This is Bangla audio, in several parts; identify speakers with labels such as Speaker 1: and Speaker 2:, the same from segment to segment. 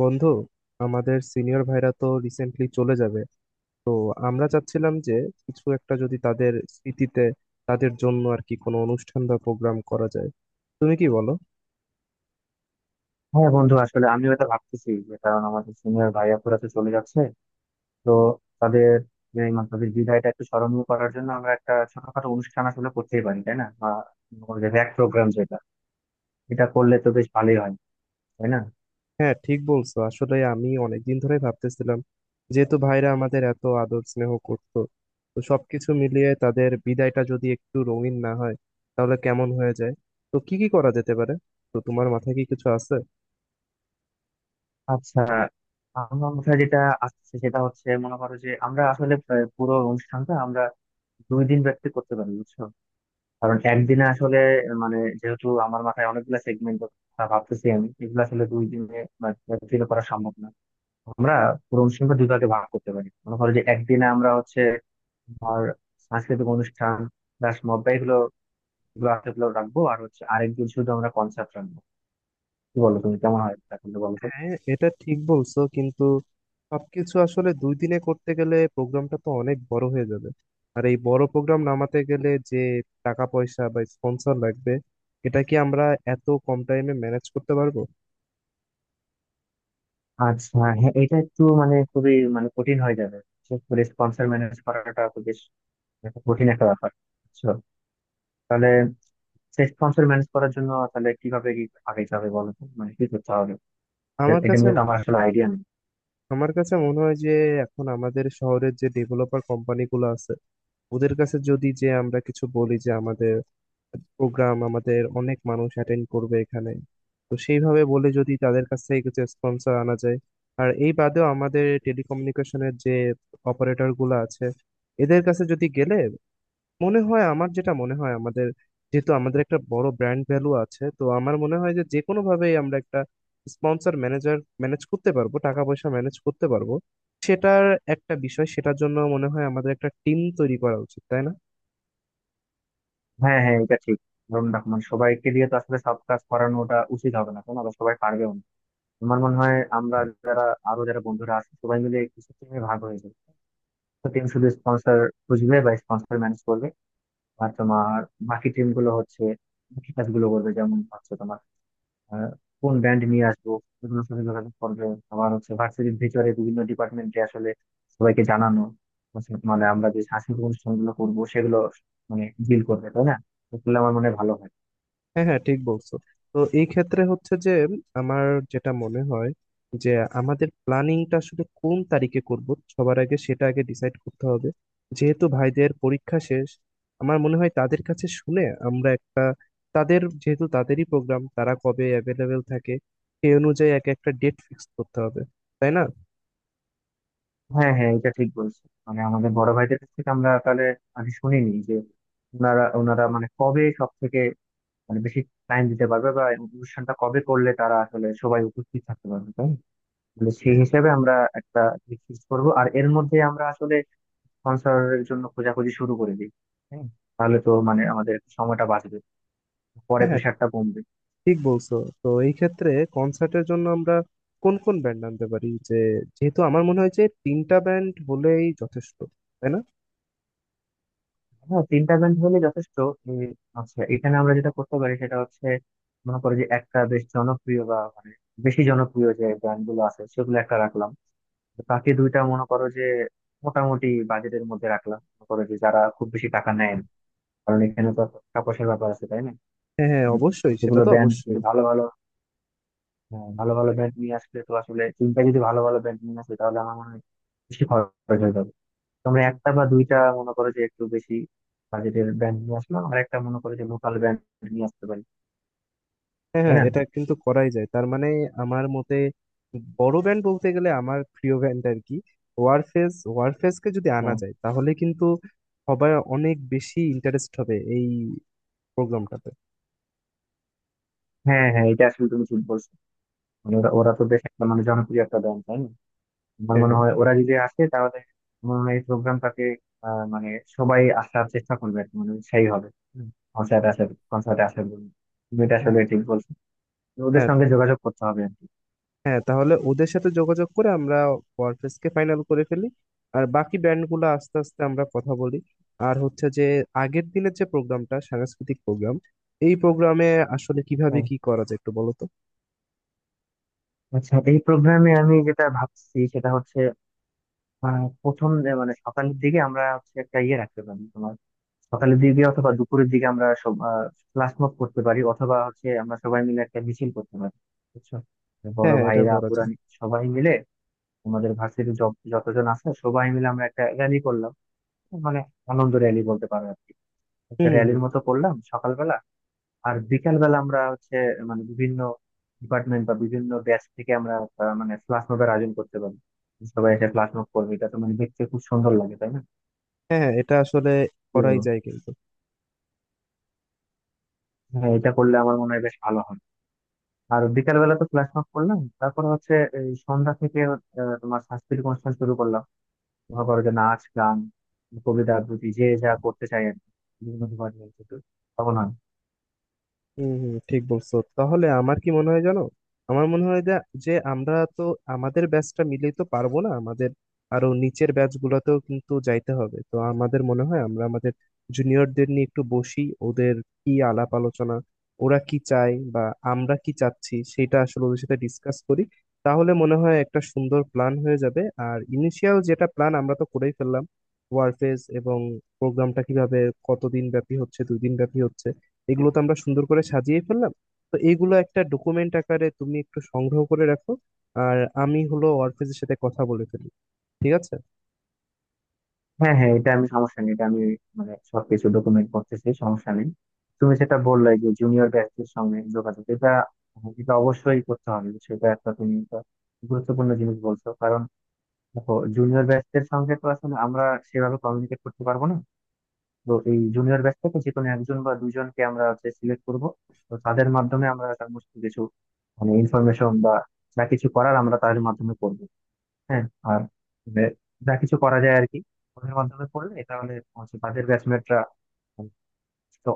Speaker 1: বন্ধু, আমাদের সিনিয়র ভাইরা তো রিসেন্টলি চলে যাবে। তো আমরা চাচ্ছিলাম যে কিছু একটা যদি তাদের স্মৃতিতে, তাদের জন্য আর কি কোনো অনুষ্ঠান বা প্রোগ্রাম করা যায়। তুমি কি বলো?
Speaker 2: হ্যাঁ বন্ধু, আসলে আমিও এটা ভাবতেছি। যে কারণ আমাদের সিনিয়র ভাইয়া পুরা তো চলে যাচ্ছে, তো তাদের, যে মানে তাদের বিদায়টা একটু স্মরণীয় করার জন্য আমরা একটা ছোটখাটো অনুষ্ঠান আসলে করতেই পারি তাই না? বা র‍্যাক প্রোগ্রাম যেটা, এটা করলে তো বেশ ভালোই হয় তাই না?
Speaker 1: হ্যাঁ, ঠিক বলছো, আসলে আমি অনেকদিন ধরে ভাবতেছিলাম। যেহেতু ভাইরা আমাদের এত আদর স্নেহ করতো, তো সবকিছু মিলিয়ে তাদের বিদায়টা যদি একটু রঙিন না হয়, তাহলে কেমন হয়ে যায়। তো কি কি করা যেতে পারে, তো তোমার মাথায় কি কিছু আছে?
Speaker 2: আচ্ছা, আমার মাথায় যেটা আসছে সেটা হচ্ছে, মনে করো যে আমরা আসলে প্রায় পুরো অনুষ্ঠানটা আমরা দুই দিন ব্যাপী করতে পারি, বুঝছো। কারণ একদিনে আসলে, মানে যেহেতু আমার মাথায় অনেকগুলো সেগমেন্ট, ভাবতেছি আমি এগুলো আসলে দুই দিনে ব্যাপী করা সম্ভব না। আমরা পুরো অনুষ্ঠানটা দুই ভাগে ভাগ করতে পারি। মনে করো যে একদিনে আমরা হচ্ছে, তোমার সাংস্কৃতিক অনুষ্ঠান প্লাস মব্বা এগুলো এগুলো আছে, এগুলো রাখবো আর হচ্ছে আরেকদিন শুধু আমরা কনসার্ট রাখবো। কি বলো, তুমি কেমন হয় এটা কিন্তু বলো তো।
Speaker 1: হ্যাঁ, এটা ঠিক বলছো, কিন্তু সবকিছু আসলে দুই দিনে করতে গেলে প্রোগ্রামটা তো অনেক বড় হয়ে যাবে। আর এই বড় প্রোগ্রাম নামাতে গেলে যে টাকা পয়সা বা স্পন্সর লাগবে, এটা কি আমরা এত কম টাইমে ম্যানেজ করতে পারবো?
Speaker 2: আচ্ছা হ্যাঁ, এটা একটু মানে খুবই মানে কঠিন হয়ে যাবে, বিশেষ করে স্পন্সর ম্যানেজ করাটা তো বেশ একটা কঠিন একটা ব্যাপার, বুঝছো। তাহলে সেই স্পন্সর ম্যানেজ করার জন্য তাহলে কিভাবে কি আগাইতে হবে বলো তো, মানে কি করতে হবে? এ-
Speaker 1: আমার
Speaker 2: এটা
Speaker 1: কাছে
Speaker 2: নিয়ে তো আমার আসলে আইডিয়া নেই।
Speaker 1: আমার কাছে মনে হয় যে এখন আমাদের শহরের যে ডেভেলপার কোম্পানিগুলো আছে, ওদের কাছে যদি যে আমরা কিছু বলি যে আমাদের প্রোগ্রাম, আমাদের অনেক মানুষ অ্যাটেন্ড করবে এখানে, তো সেইভাবে বলে যদি তাদের কাছ থেকে কিছু স্পন্সর আনা যায়। আর এই বাদেও আমাদের টেলিকমিউনিকেশনের যে অপারেটর গুলো আছে, এদের কাছে যদি গেলে মনে হয় আমার, যেটা মনে হয় আমাদের যেহেতু আমাদের একটা বড় ব্র্যান্ড ভ্যালু আছে, তো আমার মনে হয় যে যে কোনো ভাবেই আমরা একটা স্পন্সর ম্যানেজ করতে পারবো, টাকা পয়সা ম্যানেজ করতে পারবো। সেটার একটা বিষয় সেটার জন্য মনে হয় আমাদের একটা টিম তৈরি করা উচিত, তাই না?
Speaker 2: হ্যাঁ হ্যাঁ, এটা ঠিক। ধরুন দেখো, মানে সবাইকে দিয়ে তো আসলে সব কাজ করানো ওটা উচিত হবে না, কেন আবার সবাই পারবেও না। আমার মনে হয় আমরা, যারা আরো যারা বন্ধুরা আছে সবাই মিলে কিছু টিমে ভাগ হয়ে যাবে। তো টিম শুধু স্পন্সর খুঁজবে বা স্পন্সর ম্যানেজ করবে। আর তোমার বাকি টিম গুলো হচ্ছে বাকি কাজগুলো করবে। যেমন হচ্ছে তোমার আহ, কোন ব্যান্ড নিয়ে আসবো এগুলোর সাথে যোগাযোগ করবে। আবার হচ্ছে ভার্সিটির ভিতরে বিভিন্ন ডিপার্টমেন্টে আসলে সবাইকে জানানো হচ্ছে, মানে আমরা যে সাংস্কৃতিক অনুষ্ঠানগুলো করবো সেগুলো মানে ডিল করবে তাই না? এগুলো আমার মনে হয় ভালো হয়।
Speaker 1: হ্যাঁ হ্যাঁ, ঠিক বলছো। তো এই ক্ষেত্রে হচ্ছে যে আমার যেটা মনে হয় যে আমাদের প্ল্যানিংটা আসলে কোন তারিখে করব, সবার আগে সেটা আগে ডিসাইড করতে হবে। যেহেতু ভাইদের পরীক্ষা শেষ, আমার মনে হয় তাদের কাছে শুনে আমরা একটা, তাদের যেহেতু তাদেরই প্রোগ্রাম, তারা কবে অ্যাভেলেবেল থাকে সেই অনুযায়ী এক একটা ডেট ফিক্স করতে হবে, তাই না?
Speaker 2: হ্যাঁ হ্যাঁ, এটা ঠিক বলছো। মানে আমাদের বড় ভাইদের কাছ থেকে আমরা তাহলে মানে শুনিনি যে ওনারা ওনারা মানে কবে সব থেকে মানে বেশি টাইম দিতে পারবে বা অনুষ্ঠানটা কবে করলে তারা আসলে সবাই উপস্থিত থাকতে পারবে তাই না? তাহলে সেই হিসেবে আমরা একটা ফিক্স করবো আর এর মধ্যে আমরা আসলে স্পন্সরের জন্য খোঁজাখুঁজি শুরু করে দিই। হ্যাঁ, তাহলে তো মানে আমাদের সময়টা বাঁচবে, পরে
Speaker 1: হ্যাঁ হ্যাঁ,
Speaker 2: প্রেশারটা কমবে।
Speaker 1: ঠিক বলছো। তো এই ক্ষেত্রে কনসার্টের জন্য আমরা কোন কোন ব্যান্ড আনতে পারি, যে যেহেতু আমার মনে হয় যে তিনটা ব্যান্ড হলেই যথেষ্ট, তাই না?
Speaker 2: হ্যাঁ, তিনটা ব্যান্ড হলে যথেষ্ট। এই, আচ্ছা এখানে আমরা যেটা করতে পারি সেটা হচ্ছে, মনে করো যে একটা বেশ জনপ্রিয় বা মানে বেশি জনপ্রিয় যে ব্যান্ড গুলো আছে সেগুলো একটা রাখলাম। তো বাকি দুইটা মনে করো যে মোটামুটি বাজেটের মধ্যে রাখলাম, মনে করো যে যারা খুব বেশি টাকা নেয় না। কারণ এখানে তো একটা টাকা পয়সার ব্যাপার আছে তাই না?
Speaker 1: হ্যাঁ হ্যাঁ,
Speaker 2: উম,
Speaker 1: অবশ্যই, সেটা
Speaker 2: যেগুলো
Speaker 1: তো
Speaker 2: ব্যান্ড যদি
Speaker 1: অবশ্যই।
Speaker 2: ভালো ভালো, হ্যাঁ, ভালো ভালো ব্যান্ড নিয়ে আসলে তো আসলে তিনটা যদি ভালো ভালো ব্যান্ড নিয়ে আসে তাহলে আমার মনে হয় বেশি খরচ হয়ে যাবে। তোমরা একটা বা দুইটা মনে করো যে একটু বেশি বাজেটের ব্র্যান্ড নিয়ে আসলাম আর একটা মনে করো যে লোকাল ব্র্যান্ড নিয়ে আসতে পারি,
Speaker 1: হ্যাঁ
Speaker 2: তাই
Speaker 1: হ্যাঁ,
Speaker 2: না?
Speaker 1: এটা কিন্তু করাই যায়, তার মানে আমার মতে বড় ব্যান্ড বলতে গেলে আমার প্রিয় ব্যান্ড আর কি, ওয়ারফেজ। ওয়ারফেজকে যদি আনা
Speaker 2: হ্যাঁ
Speaker 1: যায় তাহলে কিন্তু সবাই অনেক বেশি ইন্টারেস্ট হবে এই প্রোগ্রামটাতে।
Speaker 2: হ্যাঁ হ্যাঁ, এটা আসলে তুমি ঠিক বলছো। মানে ওরা ওরা তো বেশ একটা মানে জনপ্রিয় একটা ব্র্যান্ড তাই না? আমার
Speaker 1: হ্যাঁ
Speaker 2: মনে
Speaker 1: হ্যাঁ।
Speaker 2: হয় ওরা যদি আসে তাহলে, আমার মনে হয় এই প্রোগ্রামটাকে মানে সবাই আসার চেষ্টা করবে আর কি, মানে সেই হবে কনসার্ট আসার, কনসার্টে আসার জন্য। তুমি এটা
Speaker 1: হ্যাঁ
Speaker 2: আসলে ঠিক বলছো। তো ওদের
Speaker 1: হ্যাঁ,
Speaker 2: সঙ্গে যোগাযোগ করতে হবে আর কি।
Speaker 1: হ্যাঁ, তাহলে ওদের সাথে যোগাযোগ করে আমরা ওয়ারফেজকে ফাইনাল করে ফেলি, আর বাকি ব্যান্ডগুলো আস্তে আস্তে আমরা কথা বলি। আর হচ্ছে যে আগের দিনের যে প্রোগ্রামটা, সাংস্কৃতিক প্রোগ্রাম, এই প্রোগ্রামে আসলে কিভাবে
Speaker 2: হ্যাঁ,
Speaker 1: কি করা যায়, একটু বলো তো।
Speaker 2: আচ্ছা এই প্রোগ্রামে আমি যেটা ভাবছি সেটা হচ্ছে, প্রথম যে মানে সকালের দিকে আমরা হচ্ছে একটা ইয়ে রাখতে পারি, তোমার সকালের দিকে অথবা দুপুরের দিকে আমরা সব ফ্ল্যাশ মব করতে পারি অথবা হচ্ছে আমরা সবাই মিলে একটা মিছিল করতে পারি, বুঝছো। বড়
Speaker 1: হ্যাঁ হ্যাঁ, এটা
Speaker 2: ভাইরা
Speaker 1: করা
Speaker 2: আপুরা
Speaker 1: যায়।
Speaker 2: সবাই মিলে আমাদের ভার্সিটি যতজন আছে সবাই মিলে আমরা একটা র্যালি করলাম, মানে আনন্দ র্যালি বলতে পারো আর কি। একটা
Speaker 1: হুম হুম হুম।
Speaker 2: র্যালির মতো করলাম সকালবেলা। আর বিকাল বেলা আমরা হচ্ছে মানে বিভিন্ন ডিপার্টমেন্ট বা বিভিন্ন ব্যাচ থেকে আমরা মানে ফ্ল্যাশ মবের আয়োজন করতে পারি। সবাই এসে ফ্ল্যাশ মব করবে এটা তো মানে দেখতে খুব সুন্দর লাগে তাই না?
Speaker 1: হ্যাঁ হ্যাঁ, এটা আসলে
Speaker 2: কি
Speaker 1: করাই
Speaker 2: বলো?
Speaker 1: যায়, কিন্তু
Speaker 2: হ্যাঁ, এটা করলে আমার মনে হয় বেশ ভালো হয়। আর বিকাল বেলা তো ফ্ল্যাশ মব করলাম, তারপর হচ্ছে এই সন্ধ্যা থেকে তোমার সাংস্কৃতিক অনুষ্ঠান শুরু করলাম। মনে করো যে নাচ গান কবিতা আবৃত্তি যে যা করতে চাই আর কি, বিভিন্ন ডিপার্টমেন্ট থেকে, তখন হয়।
Speaker 1: হম হম, ঠিক বলছো। তাহলে আমার কি মনে হয় জানো, আমার মনে হয় যে যে আমরা তো আমাদের ব্যাচটা মিলেই তো পারবো না, আমাদের আরো নিচের ব্যাচ গুলোতেও কিন্তু যাইতে হবে। তো আমাদের মনে হয় আমরা আমাদের জুনিয়রদের নিয়ে একটু বসি, ওদের কি আলাপ আলোচনা, ওরা কি চায় বা আমরা কি চাচ্ছি, সেটা আসলে ওদের সাথে ডিসকাস করি। তাহলে মনে হয় একটা সুন্দর প্ল্যান হয়ে যাবে। আর ইনিশিয়াল যেটা প্ল্যান আমরা তো করেই ফেললাম, ওয়ারফেজ, এবং প্রোগ্রামটা কিভাবে, কতদিন ব্যাপী হচ্ছে, দুই দিন ব্যাপী হচ্ছে, এগুলো তো আমরা সুন্দর করে সাজিয়ে ফেললাম। তো এইগুলো একটা ডকুমেন্ট আকারে তুমি একটু সংগ্রহ করে রাখো। আর আমি হলো অর্ফেজের সাথে কথা বলে ফেলি, ঠিক আছে?
Speaker 2: হ্যাঁ হ্যাঁ, এটা আমি সমস্যা নেই। এটা আমি মানে সবকিছু ডকুমেন্ট করতেছি, সমস্যা নেই। তুমি সেটা বললে যে জুনিয়র ব্যাচদের সঙ্গে যোগাযোগ, এটা এটা অবশ্যই করতে হবে। সেটা একটা তুমি একটা গুরুত্বপূর্ণ জিনিস বলছো, কারণ দেখো জুনিয়র ব্যাচদের সঙ্গে তো আসলে আমরা সেভাবে কমিউনিকেট করতে পারবো না। তো এই জুনিয়র ব্যাচ থেকে যে কোনো একজন বা দুইজনকে আমরা হচ্ছে সিলেক্ট করবো। তো তাদের মাধ্যমে আমরা সমস্ত কিছু মানে ইনফরমেশন বা যা কিছু করার আমরা তাদের মাধ্যমে করবো। হ্যাঁ। আর মানে যা কিছু করা যায় আর কি। ওদের মাধ্যমে করলে তাহলে হচ্ছে তাদের ব্যাচমেটরা তো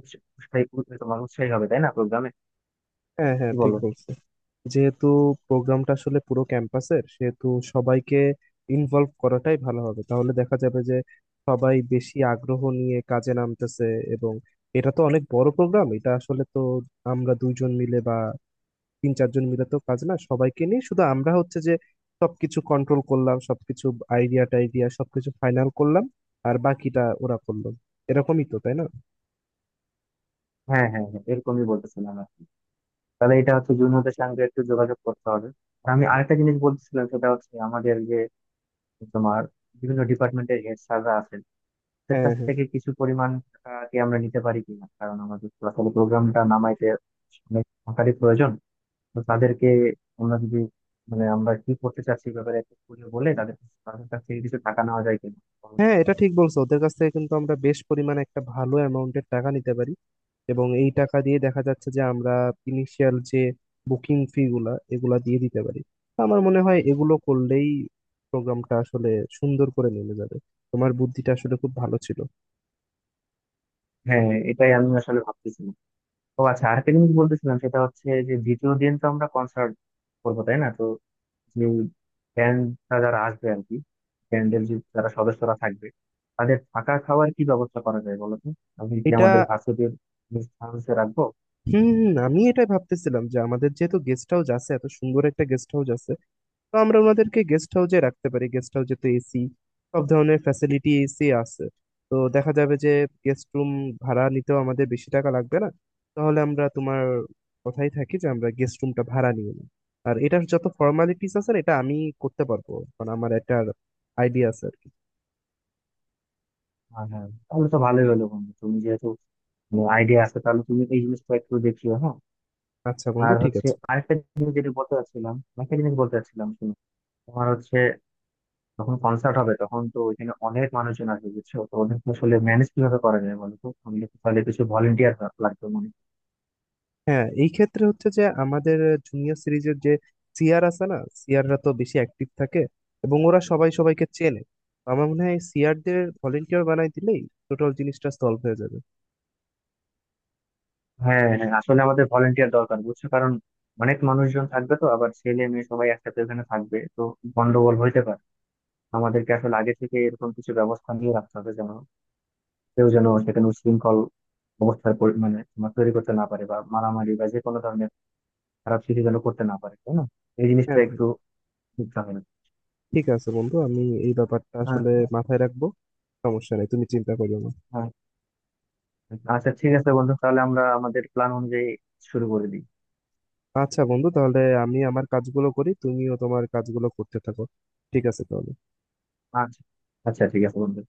Speaker 2: উৎস- উৎসাহী উৎসাহী তোমার উৎসাহী হবে তাই না, প্রোগ্রামে?
Speaker 1: হ্যাঁ হ্যাঁ,
Speaker 2: কি
Speaker 1: ঠিক
Speaker 2: বলো?
Speaker 1: বলছো। যেহেতু প্রোগ্রামটা আসলে পুরো ক্যাম্পাসের, সেহেতু সবাইকে ইনভলভ করাটাই ভালো হবে। তাহলে দেখা যাবে যে সবাই বেশি আগ্রহ নিয়ে কাজে নামতেছে। এবং এটা তো অনেক বড় প্রোগ্রাম, এটা আসলে তো আমরা দুইজন মিলে বা তিন চারজন মিলে তো কাজ না, সবাইকে নিয়ে। শুধু আমরা হচ্ছে যে সবকিছু কন্ট্রোল করলাম, সবকিছু আইডিয়া টাইডিয়া সবকিছু ফাইনাল করলাম, আর বাকিটা ওরা করলো, এরকমই তো, তাই না?
Speaker 2: হ্যাঁ হ্যাঁ হ্যাঁ, এরকমই বলতেছিলাম আর কি। তাহলে এটা হচ্ছে জুনিয়রদের সঙ্গে একটু যোগাযোগ করতে হবে। আর আমি আরেকটা জিনিস বলতেছিলাম সেটা হচ্ছে, আমাদের যে তোমার বিভিন্ন ডিপার্টমেন্টের হেড স্যাররা আছেন, তাদের
Speaker 1: হ্যাঁ
Speaker 2: কাছ
Speaker 1: হ্যাঁ
Speaker 2: থেকে কিছু পরিমাণ টাকা কি আমরা নিতে পারি কিনা, কারণ আমাদের আসলে প্রোগ্রামটা নামাইতে অনেক টাকারই প্রয়োজন। তো তাদেরকে আমরা যদি মানে আমরা কি করতে চাচ্ছি এই ব্যাপারে একটু খুলে বলে, তাদের তাদের কাছ থেকে কিছু টাকা নেওয়া যায় কিনা, তো।
Speaker 1: হ্যাঁ, এটা ঠিক বলছো। ওদের কাছ থেকে কিন্তু আমরা বেশ পরিমাণে একটা ভালো অ্যামাউন্টের টাকা নিতে পারি। এবং এই টাকা দিয়ে দেখা যাচ্ছে যে আমরা ইনিশিয়াল যে বুকিং ফি গুলা, এগুলা দিয়ে দিতে পারি। তো আমার মনে হয় এগুলো করলেই প্রোগ্রামটা আসলে সুন্দর করে নেমে যাবে। তোমার বুদ্ধিটা আসলে খুব ভালো ছিল।
Speaker 2: হ্যাঁ, এটাই আমি আসলে ভাবতেছিলাম। তো আচ্ছা আরেকটা জিনিস বলতেছিলাম সেটা হচ্ছে যে, দ্বিতীয় দিন তো আমরা কনসার্ট করবো তাই না? তো যে ব্যান্ডটা যারা আসবে আর কি, ব্যান্ডের যে যারা সদস্যরা থাকবে, তাদের থাকা খাওয়ার কি ব্যবস্থা করা যায় বলো তো? আমি কি
Speaker 1: এটা
Speaker 2: আমাদের ভার্সিটির হাউসে রাখবো?
Speaker 1: হুম হুম, আমি এটাই ভাবতেছিলাম যে আমাদের যেহেতু গেস্ট হাউস আছে, এত সুন্দর একটা গেস্ট হাউস আছে, তো আমরা ওনাদেরকে গেস্ট হাউসে রাখতে পারি। গেস্ট হাউসে তো এসি, সব ধরনের ফ্যাসিলিটি, এসি আছে। তো দেখা যাবে যে গেস্ট রুম ভাড়া নিতেও আমাদের বেশি টাকা লাগবে না। তাহলে আমরা তোমার কথাই থাকি যে আমরা গেস্ট রুমটা ভাড়া নিয়ে নিই। আর এটার যত ফর্মালিটিস আছে না, এটা আমি করতে পারবো, কারণ আমার একটা আইডিয়া আছে আর কি।
Speaker 2: হ্যাঁ হ্যাঁ, তাহলে তো ভালোই হলো বন্ধু। তুমি যেহেতু আইডিয়া আছে তাহলে তুমি এই জিনিসটা একটু দেখিও, হ্যাঁ।
Speaker 1: আচ্ছা বন্ধু,
Speaker 2: আর
Speaker 1: ঠিক
Speaker 2: হচ্ছে
Speaker 1: আছে।
Speaker 2: আরেকটা জিনিস যেটা বলতে চাচ্ছিলাম, একটা জিনিস বলতে চাচ্ছিলাম, শুনো। তোমার হচ্ছে যখন কনসার্ট হবে তখন তো ওইখানে অনেক মানুষজন আসবে, বুঝছো। তো ওদের তো আসলে ম্যানেজ কিভাবে করা যায় বলো তো, আমাদের তো তাহলে কিছু ভলেন্টিয়ার লাগবে মনে হয়।
Speaker 1: হ্যাঁ, এই ক্ষেত্রে হচ্ছে যে আমাদের জুনিয়র সিরিজের যে সিয়ার আছে না, সিয়াররা তো বেশি অ্যাক্টিভ থাকে, এবং ওরা সবাই সবাইকে চেনে। আমার মনে হয় সিয়ারদের ভলেন্টিয়ার বানাই দিলেই টোটাল জিনিসটা সলভ হয়ে যাবে।
Speaker 2: হ্যাঁ হ্যাঁ, আসলে আমাদের ভলেন্টিয়ার দরকার, বুঝছো। কারণ অনেক মানুষজন থাকবে তো আবার ছেলে মেয়ে সবাই একসাথে ওখানে থাকবে, তো গন্ডগোল হইতে পারে। আমাদেরকে আসলে আগে থেকে এরকম কিছু ব্যবস্থা নিয়ে রাখতে হবে যেন কেউ যেন সেখানে উচ্ছৃঙ্খল অবস্থার মানে তোমার তৈরি করতে না পারে বা মারামারি বা যে কোনো ধরনের খারাপ কিছু যেন করতে না পারে তাই না? এই জিনিসটা
Speaker 1: হ্যাঁ বন্ধু,
Speaker 2: একটু বুঝতে হবে।
Speaker 1: ঠিক আছে বন্ধু, আমি এই ব্যাপারটা
Speaker 2: হ্যাঁ
Speaker 1: আসলে
Speaker 2: হ্যাঁ।
Speaker 1: মাথায় রাখবো। সমস্যা নেই, তুমি চিন্তা করিও না।
Speaker 2: হ্যাঁ। আচ্ছা ঠিক আছে বন্ধু, তাহলে আমরা আমাদের প্ল্যান অনুযায়ী শুরু করে দিই।
Speaker 1: আচ্ছা বন্ধু, তাহলে আমি আমার কাজগুলো করি, তুমিও তোমার কাজগুলো করতে থাকো। ঠিক আছে তাহলে।
Speaker 2: আচ্ছা। আচ্ছা ঠিক আছে বন্ধু।